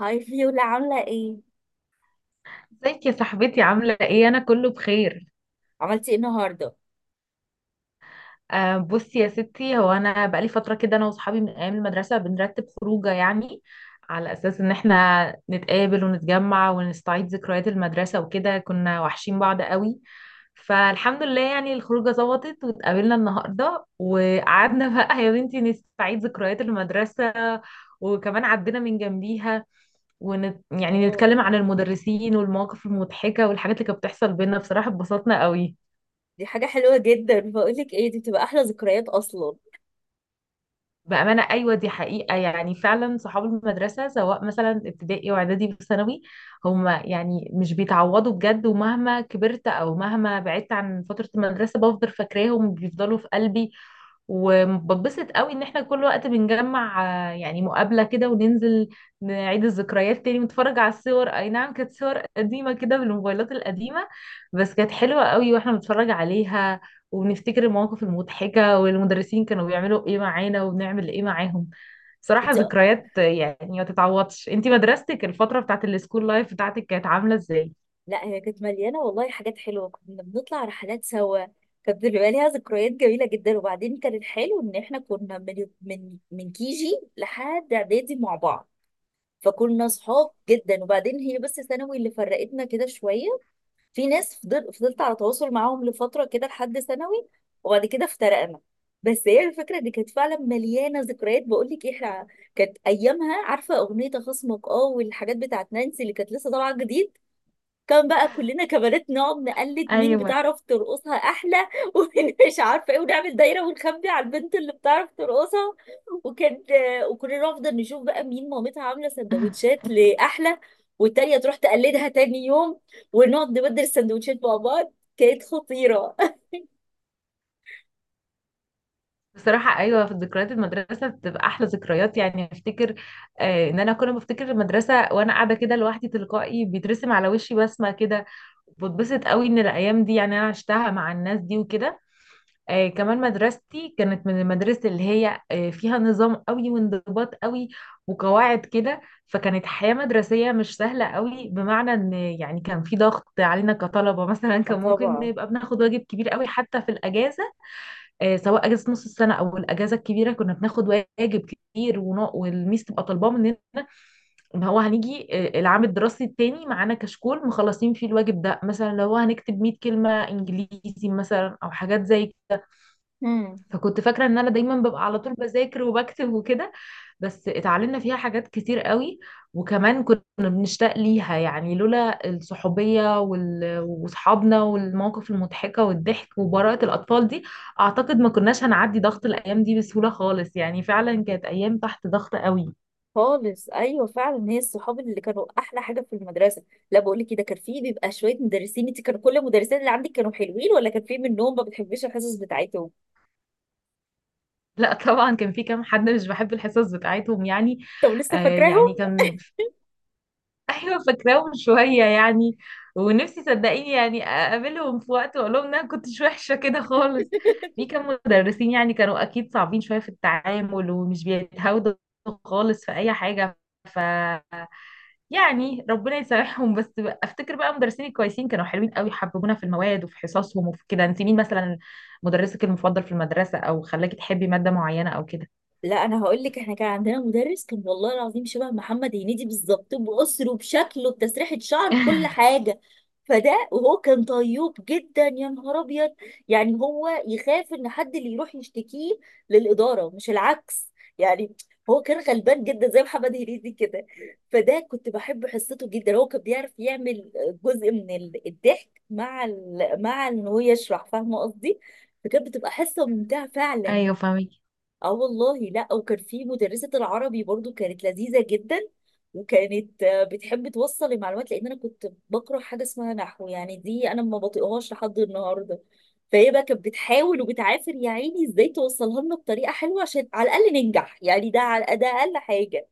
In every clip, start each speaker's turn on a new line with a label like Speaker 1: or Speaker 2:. Speaker 1: هاي فيولا، عاملة ايه؟
Speaker 2: ازيك يا صاحبتي، عاملة ايه؟ انا كله بخير.
Speaker 1: عملتي ايه النهاردة؟
Speaker 2: بصي يا ستي، هو انا بقالي فترة كده، انا واصحابي من ايام المدرسة بنرتب خروجة يعني، على اساس ان احنا نتقابل ونتجمع ونستعيد ذكريات المدرسة وكده. كنا وحشين بعض قوي، فالحمد لله يعني الخروجة ظبطت واتقابلنا النهاردة. وقعدنا بقى يا بنتي نستعيد ذكريات المدرسة، وكمان عدينا من جنبيها، يعني
Speaker 1: اه،
Speaker 2: نتكلم عن المدرسين والمواقف المضحكة والحاجات اللي كانت بتحصل بينا. بصراحة اتبسطنا قوي.
Speaker 1: دي حاجة حلوة جدا. بقولك ايه، دي بتبقى أحلى ذكريات أصلا.
Speaker 2: بأمانة أيوة، دي حقيقة يعني، فعلا صحاب المدرسة، سواء مثلا ابتدائي وإعدادي وثانوي، هم يعني مش بيتعوضوا بجد. ومهما كبرت أو مهما بعدت عن فترة المدرسة بفضل فاكراهم، بيفضلوا في قلبي. وببسط قوي ان احنا كل وقت بنجمع، يعني مقابلة كده، وننزل نعيد الذكريات تاني ونتفرج على الصور. اي نعم، كانت صور قديمة كده بالموبايلات القديمة، بس كانت حلوة قوي واحنا بنتفرج عليها. وبنفتكر المواقف المضحكة والمدرسين كانوا بيعملوا ايه معانا وبنعمل ايه معاهم. صراحة
Speaker 1: انت
Speaker 2: ذكريات، يعني ما تتعوضش. انتي مدرستك، الفترة بتاعت السكول لايف بتاعتك، كانت عاملة ازاي؟
Speaker 1: لا، هي كانت مليانة والله حاجات حلوة. كنا بنطلع رحلات سوا، كانت بتبقى ليها ذكريات جميلة جدا. وبعدين كان الحلو إن احنا كنا من كيجي لحد إعدادي مع بعض، فكنا صحاب جدا. وبعدين هي بس ثانوي اللي فرقتنا كده شوية، في ناس فضلت على تواصل معاهم لفترة كده لحد ثانوي، وبعد كده افترقنا. بس هي الفكرة دي كانت فعلا مليانة ذكريات. بقول لك احنا كانت ايامها، عارفة اغنية خصمك؟ اه، والحاجات بتاعت نانسي اللي كانت لسه طالعة جديد، كان بقى كلنا كبنات نقعد نقلد مين
Speaker 2: ايوه.
Speaker 1: بتعرف ترقصها احلى ومين مش عارفه ايه، ونعمل دايره ونخبي على البنت اللي بتعرف ترقصها. وكان، وكنا نفضل نشوف بقى مين مامتها عامله سندوتشات لاحلى، والتانيه تروح تقلدها تاني يوم، ونقعد نبدل السندوتشات مع بعض. كانت خطيره.
Speaker 2: بصراحة أيوة، في ذكريات المدرسة بتبقى أحلى ذكريات، يعني أفتكر. إن أنا كل ما أفتكر المدرسة وأنا قاعدة كده لوحدي، تلقائي بيترسم على وشي بسمة كده. بتبسط قوي إن الأيام دي يعني أنا عشتها مع الناس دي وكده. كمان مدرستي كانت من المدارس اللي هي فيها نظام قوي وانضباط قوي وقواعد كده. فكانت حياة مدرسية مش سهلة قوي، بمعنى إن يعني كان في ضغط علينا كطلبة مثلا.
Speaker 1: اه
Speaker 2: كان ممكن
Speaker 1: طبعا.
Speaker 2: نبقى بناخد واجب كبير قوي حتى في الأجازة، سواء اجازه نص السنه او الاجازه الكبيره، كنا بناخد واجب كتير، والميس تبقى طالباه مننا ان هو هنيجي، العام الدراسي التاني، معانا كشكول مخلصين فيه الواجب ده. مثلا لو هنكتب 100 كلمه انجليزي مثلا او حاجات زي كده.
Speaker 1: امم.
Speaker 2: فكنت فاكره ان انا دايما ببقى على طول بذاكر وبكتب وكده. بس اتعلمنا فيها حاجات كتير قوي، وكمان كنا بنشتاق ليها يعني. لولا الصحوبية وصحابنا والمواقف المضحكة والضحك وبراءة الأطفال دي، أعتقد ما كناش هنعدي ضغط الأيام دي بسهولة خالص. يعني فعلا كانت أيام تحت ضغط قوي.
Speaker 1: خالص، ايوه فعلا، هي الصحاب اللي كانوا احلى حاجه في المدرسه. لا بقول لك كده، كان في بيبقى شويه مدرسين، انت كانوا كل المدرسين اللي عندك كانوا حلوين ولا كان في منهم ما بتحبيش الحصص بتاعتهم؟
Speaker 2: لا طبعا، كان في كام حد مش بحب الحصص بتاعتهم يعني.
Speaker 1: طب لسه
Speaker 2: يعني
Speaker 1: فاكراهم؟
Speaker 2: كان، ايوه فاكراهم شويه يعني. ونفسي صدقيني يعني اقابلهم في وقت واقول لهم ان انا كنتش وحشه كده خالص. في كام مدرسين يعني كانوا اكيد صعبين شويه في التعامل ومش بيتهاودوا خالص في اي حاجه. ف يعني ربنا يسامحهم. بس افتكر بقى مدرسين الكويسين كانوا حلوين قوي، حببونا في المواد وفي حصصهم وفي كده. انت مين مثلا مدرسك المفضل في المدرسه، او خلاكي تحبي ماده معينه او كده؟
Speaker 1: لا انا هقول لك، احنا كان عندنا مدرس كان والله العظيم شبه محمد هنيدي بالظبط، باسره، بشكله، بتسريحه شعره، بكل حاجه. فده، وهو كان طيوب جدا يا نهار ابيض، يعني هو يخاف ان حد اللي يروح يشتكيه للاداره مش العكس. يعني هو كان غلبان جدا زي محمد هنيدي كده. فده كنت بحب حصته جدا، هو كان بيعرف يعمل جزء من الضحك مع مع ان هو يشرح، فاهمه قصدي؟ فكانت بتبقى حصه ممتعه فعلا.
Speaker 2: ايوه، فاهمك.
Speaker 1: اه والله. لا، وكان في مدرسة العربي برضو كانت لذيذة جدا، وكانت بتحب توصل المعلومات، لان انا كنت بكره حاجة اسمها نحو، يعني دي انا ما بطيقهاش لحد النهاردة. فهي بقى كانت بتحاول وبتعافر يا عيني ازاي توصلها لنا بطريقة حلوة، عشان على الاقل ننجح يعني، ده على ده اقل حاجة.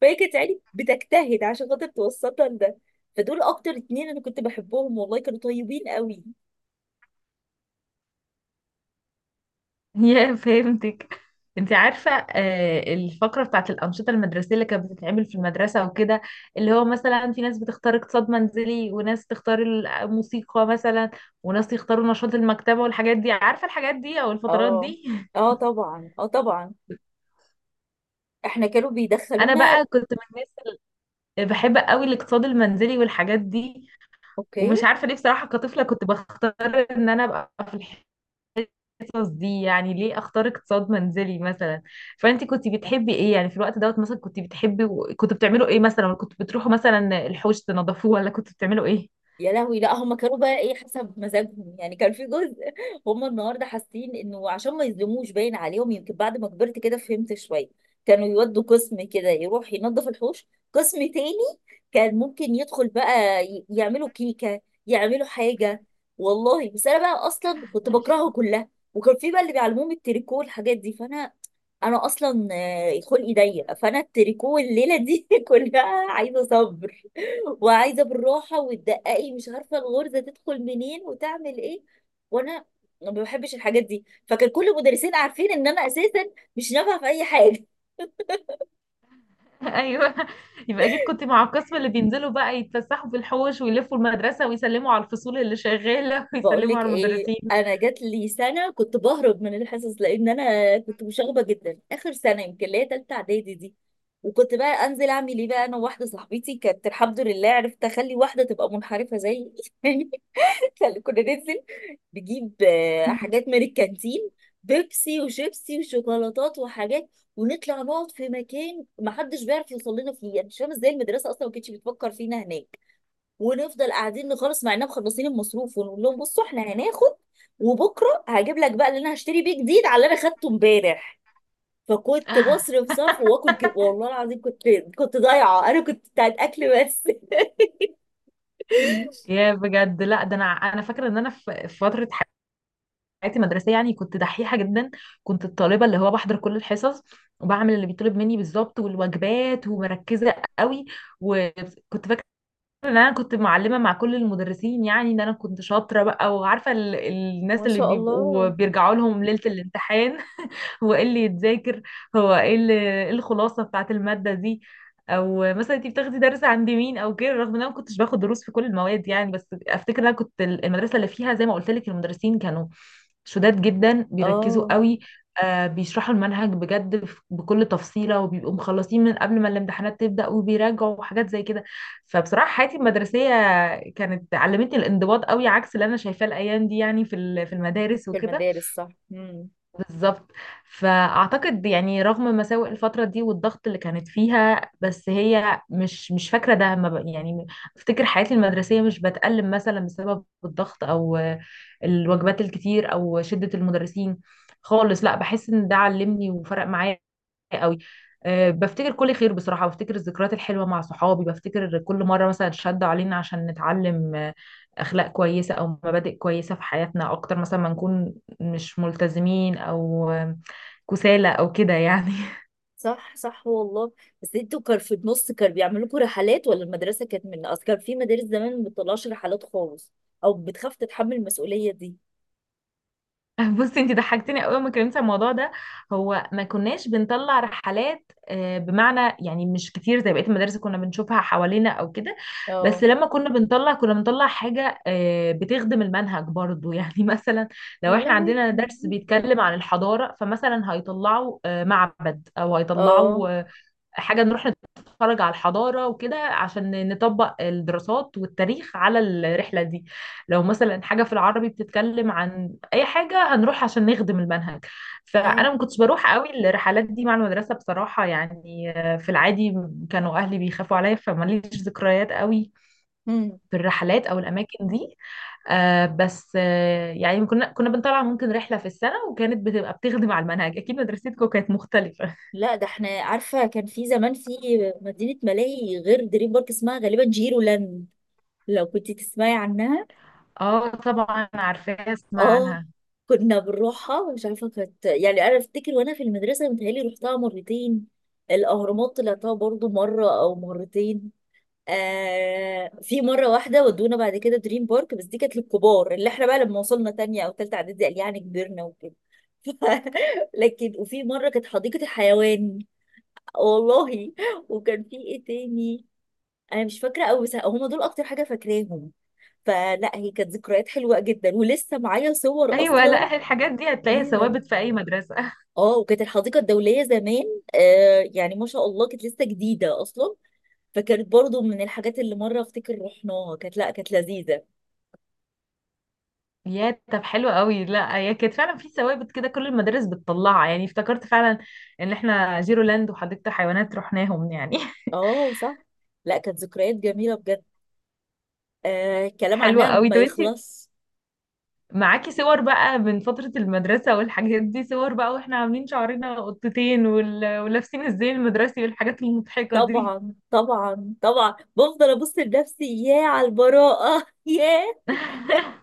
Speaker 1: فهي كانت يعني بتجتهد عشان خاطر توصلنا لده. فدول اكتر اتنين انا كنت بحبهم والله، كانوا طيبين قوي.
Speaker 2: يا فهمتك. انت عارفة الفقرة بتاعت الأنشطة المدرسية اللي كانت بتتعمل في المدرسة وكده، اللي هو مثلا في ناس بتختار اقتصاد منزلي وناس تختار الموسيقى مثلا وناس يختاروا نشاط المكتبة والحاجات دي؟ عارفة الحاجات دي أو الفترات
Speaker 1: اه.
Speaker 2: دي؟
Speaker 1: اه طبعا، اه طبعا. احنا كانوا
Speaker 2: أنا
Speaker 1: بيدخلونا.
Speaker 2: بقى كنت من الناس اللي بحب قوي الاقتصاد المنزلي والحاجات دي.
Speaker 1: اوكي.
Speaker 2: ومش عارفة ليه بصراحة، كطفلة كنت بختار إن أنا أبقى في القصص دي. يعني ليه اختار اقتصاد منزلي مثلا؟ فانت كنت بتحبي ايه يعني في الوقت دوت مثلا؟ كنت بتحبي كنت بتعملوا ايه مثلا، ولا كنت بتروحوا مثلا الحوش تنظفوه، ولا كنت بتعملوا ايه؟
Speaker 1: يا لهوي، لا هم كانوا بقى ايه، حسب مزاجهم يعني. كان في جزء هم النهارده حاسين انه عشان ما يظلموش، باين عليهم، يمكن بعد ما كبرت كده فهمت شويه، كانوا يودوا قسم كده يروح ينظف الحوش، قسم تاني كان ممكن يدخل بقى يعملوا كيكه، يعملوا حاجه. والله بس انا بقى اصلا كنت بكرهه كلها. وكان في بقى اللي بيعلموهم التريكو الحاجات دي، فانا اصلا خلقي ضيق. فانا التريكو الليله دي كلها عايزه صبر وعايزه بالراحه وتدققي، مش عارفه الغرزه تدخل منين وتعمل ايه. وانا ما بحبش الحاجات دي، فكان كل المدرسين عارفين ان انا اساسا مش نافعه في اي حاجه.
Speaker 2: ايوه. يبقى اكيد كنت مع القسم اللي بينزلوا بقى يتفسحوا في الحوش ويلفوا المدرسة ويسلموا على الفصول اللي شغالة
Speaker 1: بقول
Speaker 2: ويسلموا
Speaker 1: لك
Speaker 2: على
Speaker 1: ايه،
Speaker 2: المدرسين.
Speaker 1: انا جات لي سنه كنت بهرب من الحصص، لان انا كنت مشاغبه جدا اخر سنه، يمكن اللي هي تالته اعدادي دي. وكنت بقى انزل اعمل ايه بقى، انا وواحده صاحبتي كانت الحمد لله عرفت اخلي واحده تبقى منحرفه زيي. كنا ننزل نجيب حاجات من الكانتين، بيبسي وشيبسي وشوكولاتات وحاجات، ونطلع نقعد في مكان محدش بيعرف يوصل لنا فيه، يعني مش فاهمه ازاي المدرسه اصلا ما كانتش بتفكر فينا هناك. ونفضل قاعدين نخلص مع اننا مخلصين المصروف، ونقول لهم بصوا احنا هناخد، وبكره هجيب لك بقى اللي انا هشتري بيه جديد على اللي انا خدته امبارح. فكنت بصرف صرف واكل كده، والله العظيم كنت ضايعه، انا كنت بتاعت اكل بس.
Speaker 2: يا بجد، لا ده انا فاكره ان انا في فتره حياتي المدرسيه يعني كنت دحيحه جدا. كنت الطالبه اللي هو بحضر كل الحصص وبعمل اللي بيطلب مني بالظبط، والواجبات، ومركزه قوي. وكنت فاكره ان انا كنت معلمه مع كل المدرسين، يعني ان انا كنت شاطره بقى وعارفه الناس
Speaker 1: ما
Speaker 2: اللي
Speaker 1: شاء
Speaker 2: بيبقوا
Speaker 1: الله.
Speaker 2: بيرجعوا لهم ليله الامتحان. هو ايه اللي يتذاكر؟ هو ايه اللي- إيه الخلاصة بتاعت المادة دي؟ او مثلا انت بتاخدي درس عند مين او كده؟ رغم ان انا ما كنتش باخد دروس في كل المواد يعني، بس افتكر ان انا كنت المدرسة اللي فيها زي ما قلت لك المدرسين كانوا شداد جدا بيركزوا
Speaker 1: اه.
Speaker 2: قوي. آه، بيشرحوا المنهج بجد بكل تفصيلة، وبيبقوا مخلصين من قبل ما الامتحانات تبدأ وبيراجعوا وحاجات زي كده. فبصراحة حياتي المدرسية كانت علمتني الانضباط قوي، عكس اللي انا شايفاه الايام دي يعني في في المدارس
Speaker 1: في
Speaker 2: وكده.
Speaker 1: المدارس، صح. مم.
Speaker 2: بالظبط. فاعتقد يعني رغم مساوئ الفتره دي والضغط اللي كانت فيها، بس هي مش فاكره ده، ما ب- يعني افتكر حياتي المدرسيه مش بتألم مثلا بسبب الضغط او الوجبات الكتير او شده المدرسين خالص. لا، بحس ان ده علمني وفرق معايا قوي. أه، بفتكر كل خير بصراحة، بفتكر الذكريات الحلوة مع صحابي، بفتكر كل مرة مثلا شدوا علينا عشان نتعلم أخلاق كويسة أو مبادئ كويسة في حياتنا، أكتر مثلا ما نكون مش ملتزمين أو كسالى أو كده يعني.
Speaker 1: صح صح والله. بس انتوا كان في النص كانوا بيعملوا لكم رحلات، ولا المدرسه كانت من اصل، كان في مدارس زمان ما بتطلعش رحلات خالص او بتخاف تتحمل المسؤوليه دي؟
Speaker 2: بصي، انت ضحكتني قوي ما كلمت عن الموضوع ده. هو ما كناش بنطلع رحلات، بمعنى يعني مش كتير زي بقية المدارس اللي كنا بنشوفها حوالينا او كده. بس
Speaker 1: اه.
Speaker 2: لما كنا بنطلع كنا بنطلع حاجة بتخدم المنهج برضو. يعني مثلا لو
Speaker 1: يا
Speaker 2: احنا
Speaker 1: لهوي.
Speaker 2: عندنا درس بيتكلم عن الحضارة، فمثلا هيطلعوا معبد او
Speaker 1: اه.
Speaker 2: هيطلعوا حاجة، نروح نتفرج على الحضارة وكده عشان نطبق الدراسات والتاريخ على الرحلة دي. لو مثلا حاجة في العربي بتتكلم عن أي حاجة، هنروح عشان نخدم المنهج.
Speaker 1: اي.
Speaker 2: فأنا ما كنتش بروح قوي الرحلات دي مع المدرسة بصراحة، يعني في العادي كانوا أهلي بيخافوا عليا، فماليش ذكريات قوي
Speaker 1: امم.
Speaker 2: في الرحلات أو الأماكن دي. بس يعني كنا بنطلع ممكن رحلة في السنة، وكانت بتبقى بتخدم على المنهج. أكيد مدرستكم كانت مختلفة.
Speaker 1: لا، ده احنا عارفه كان في زمان في مدينه ملاهي غير دريم بارك اسمها غالبا جيرو لاند، لو كنت تسمعي عنها.
Speaker 2: اه طبعا، عارفاها، اسمع
Speaker 1: اه،
Speaker 2: عنها.
Speaker 1: كنا بنروحها، مش عارفه كانت يعني، انا افتكر وانا في المدرسه متهيألي رحتها مرتين. الاهرامات طلعتها برضو مره او مرتين. آه في مره واحده ودونا بعد كده دريم بارك، بس دي كانت للكبار، اللي احنا بقى لما وصلنا تانية او تالتة اعدادي، قال يعني كبرنا وكده. لكن وفي مره كانت حديقه الحيوان، والله. وكان في ايه تاني، انا مش فاكره قوي، بس هم دول اكتر حاجه فاكراهم. فلا، هي كانت ذكريات حلوه جدا، ولسه معايا صور
Speaker 2: ايوه،
Speaker 1: اصلا
Speaker 2: لا، الحاجات دي هتلاقيها
Speaker 1: ليها.
Speaker 2: ثوابت في اي مدرسه.
Speaker 1: اه، وكانت الحديقه الدوليه زمان، يعني ما شاء الله كانت لسه جديده اصلا، فكانت برضو من الحاجات اللي مره افتكر رحناها، كانت، لا كانت لذيذه.
Speaker 2: يا طب حلو قوي. لا هي كانت فعلا في ثوابت كده كل المدارس بتطلعها، يعني افتكرت فعلا ان احنا زيرو لاند وحديقه حيوانات رحناهم يعني.
Speaker 1: اه صح. لا، كانت ذكريات جميلة بجد. كلام
Speaker 2: حلوه
Speaker 1: عنها
Speaker 2: قوي.
Speaker 1: ما
Speaker 2: طب انتي
Speaker 1: يخلص.
Speaker 2: معاكي صور بقى من فتره المدرسه والحاجات دي، صور بقى واحنا عاملين شعرنا قطتين ولابسين الزي المدرسي والحاجات المضحكه دي؟
Speaker 1: طبعا طبعا طبعا، بفضل ابص لنفسي ياه على البراءة ياه،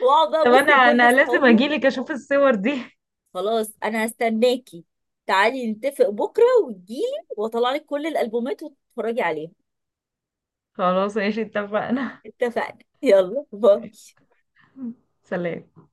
Speaker 1: واقعد بقى
Speaker 2: طب
Speaker 1: ابص
Speaker 2: انا
Speaker 1: لكل
Speaker 2: انا لازم
Speaker 1: اصحابي.
Speaker 2: اجيلك اشوف الصور دي.
Speaker 1: خلاص انا هستناكي، تعالي نتفق بكرة وتجيلي، واطلع لك كل الالبومات وتتفرجي عليها.
Speaker 2: خلاص ماشي اتفقنا.
Speaker 1: اتفقنا. يلا باي.
Speaker 2: سلام.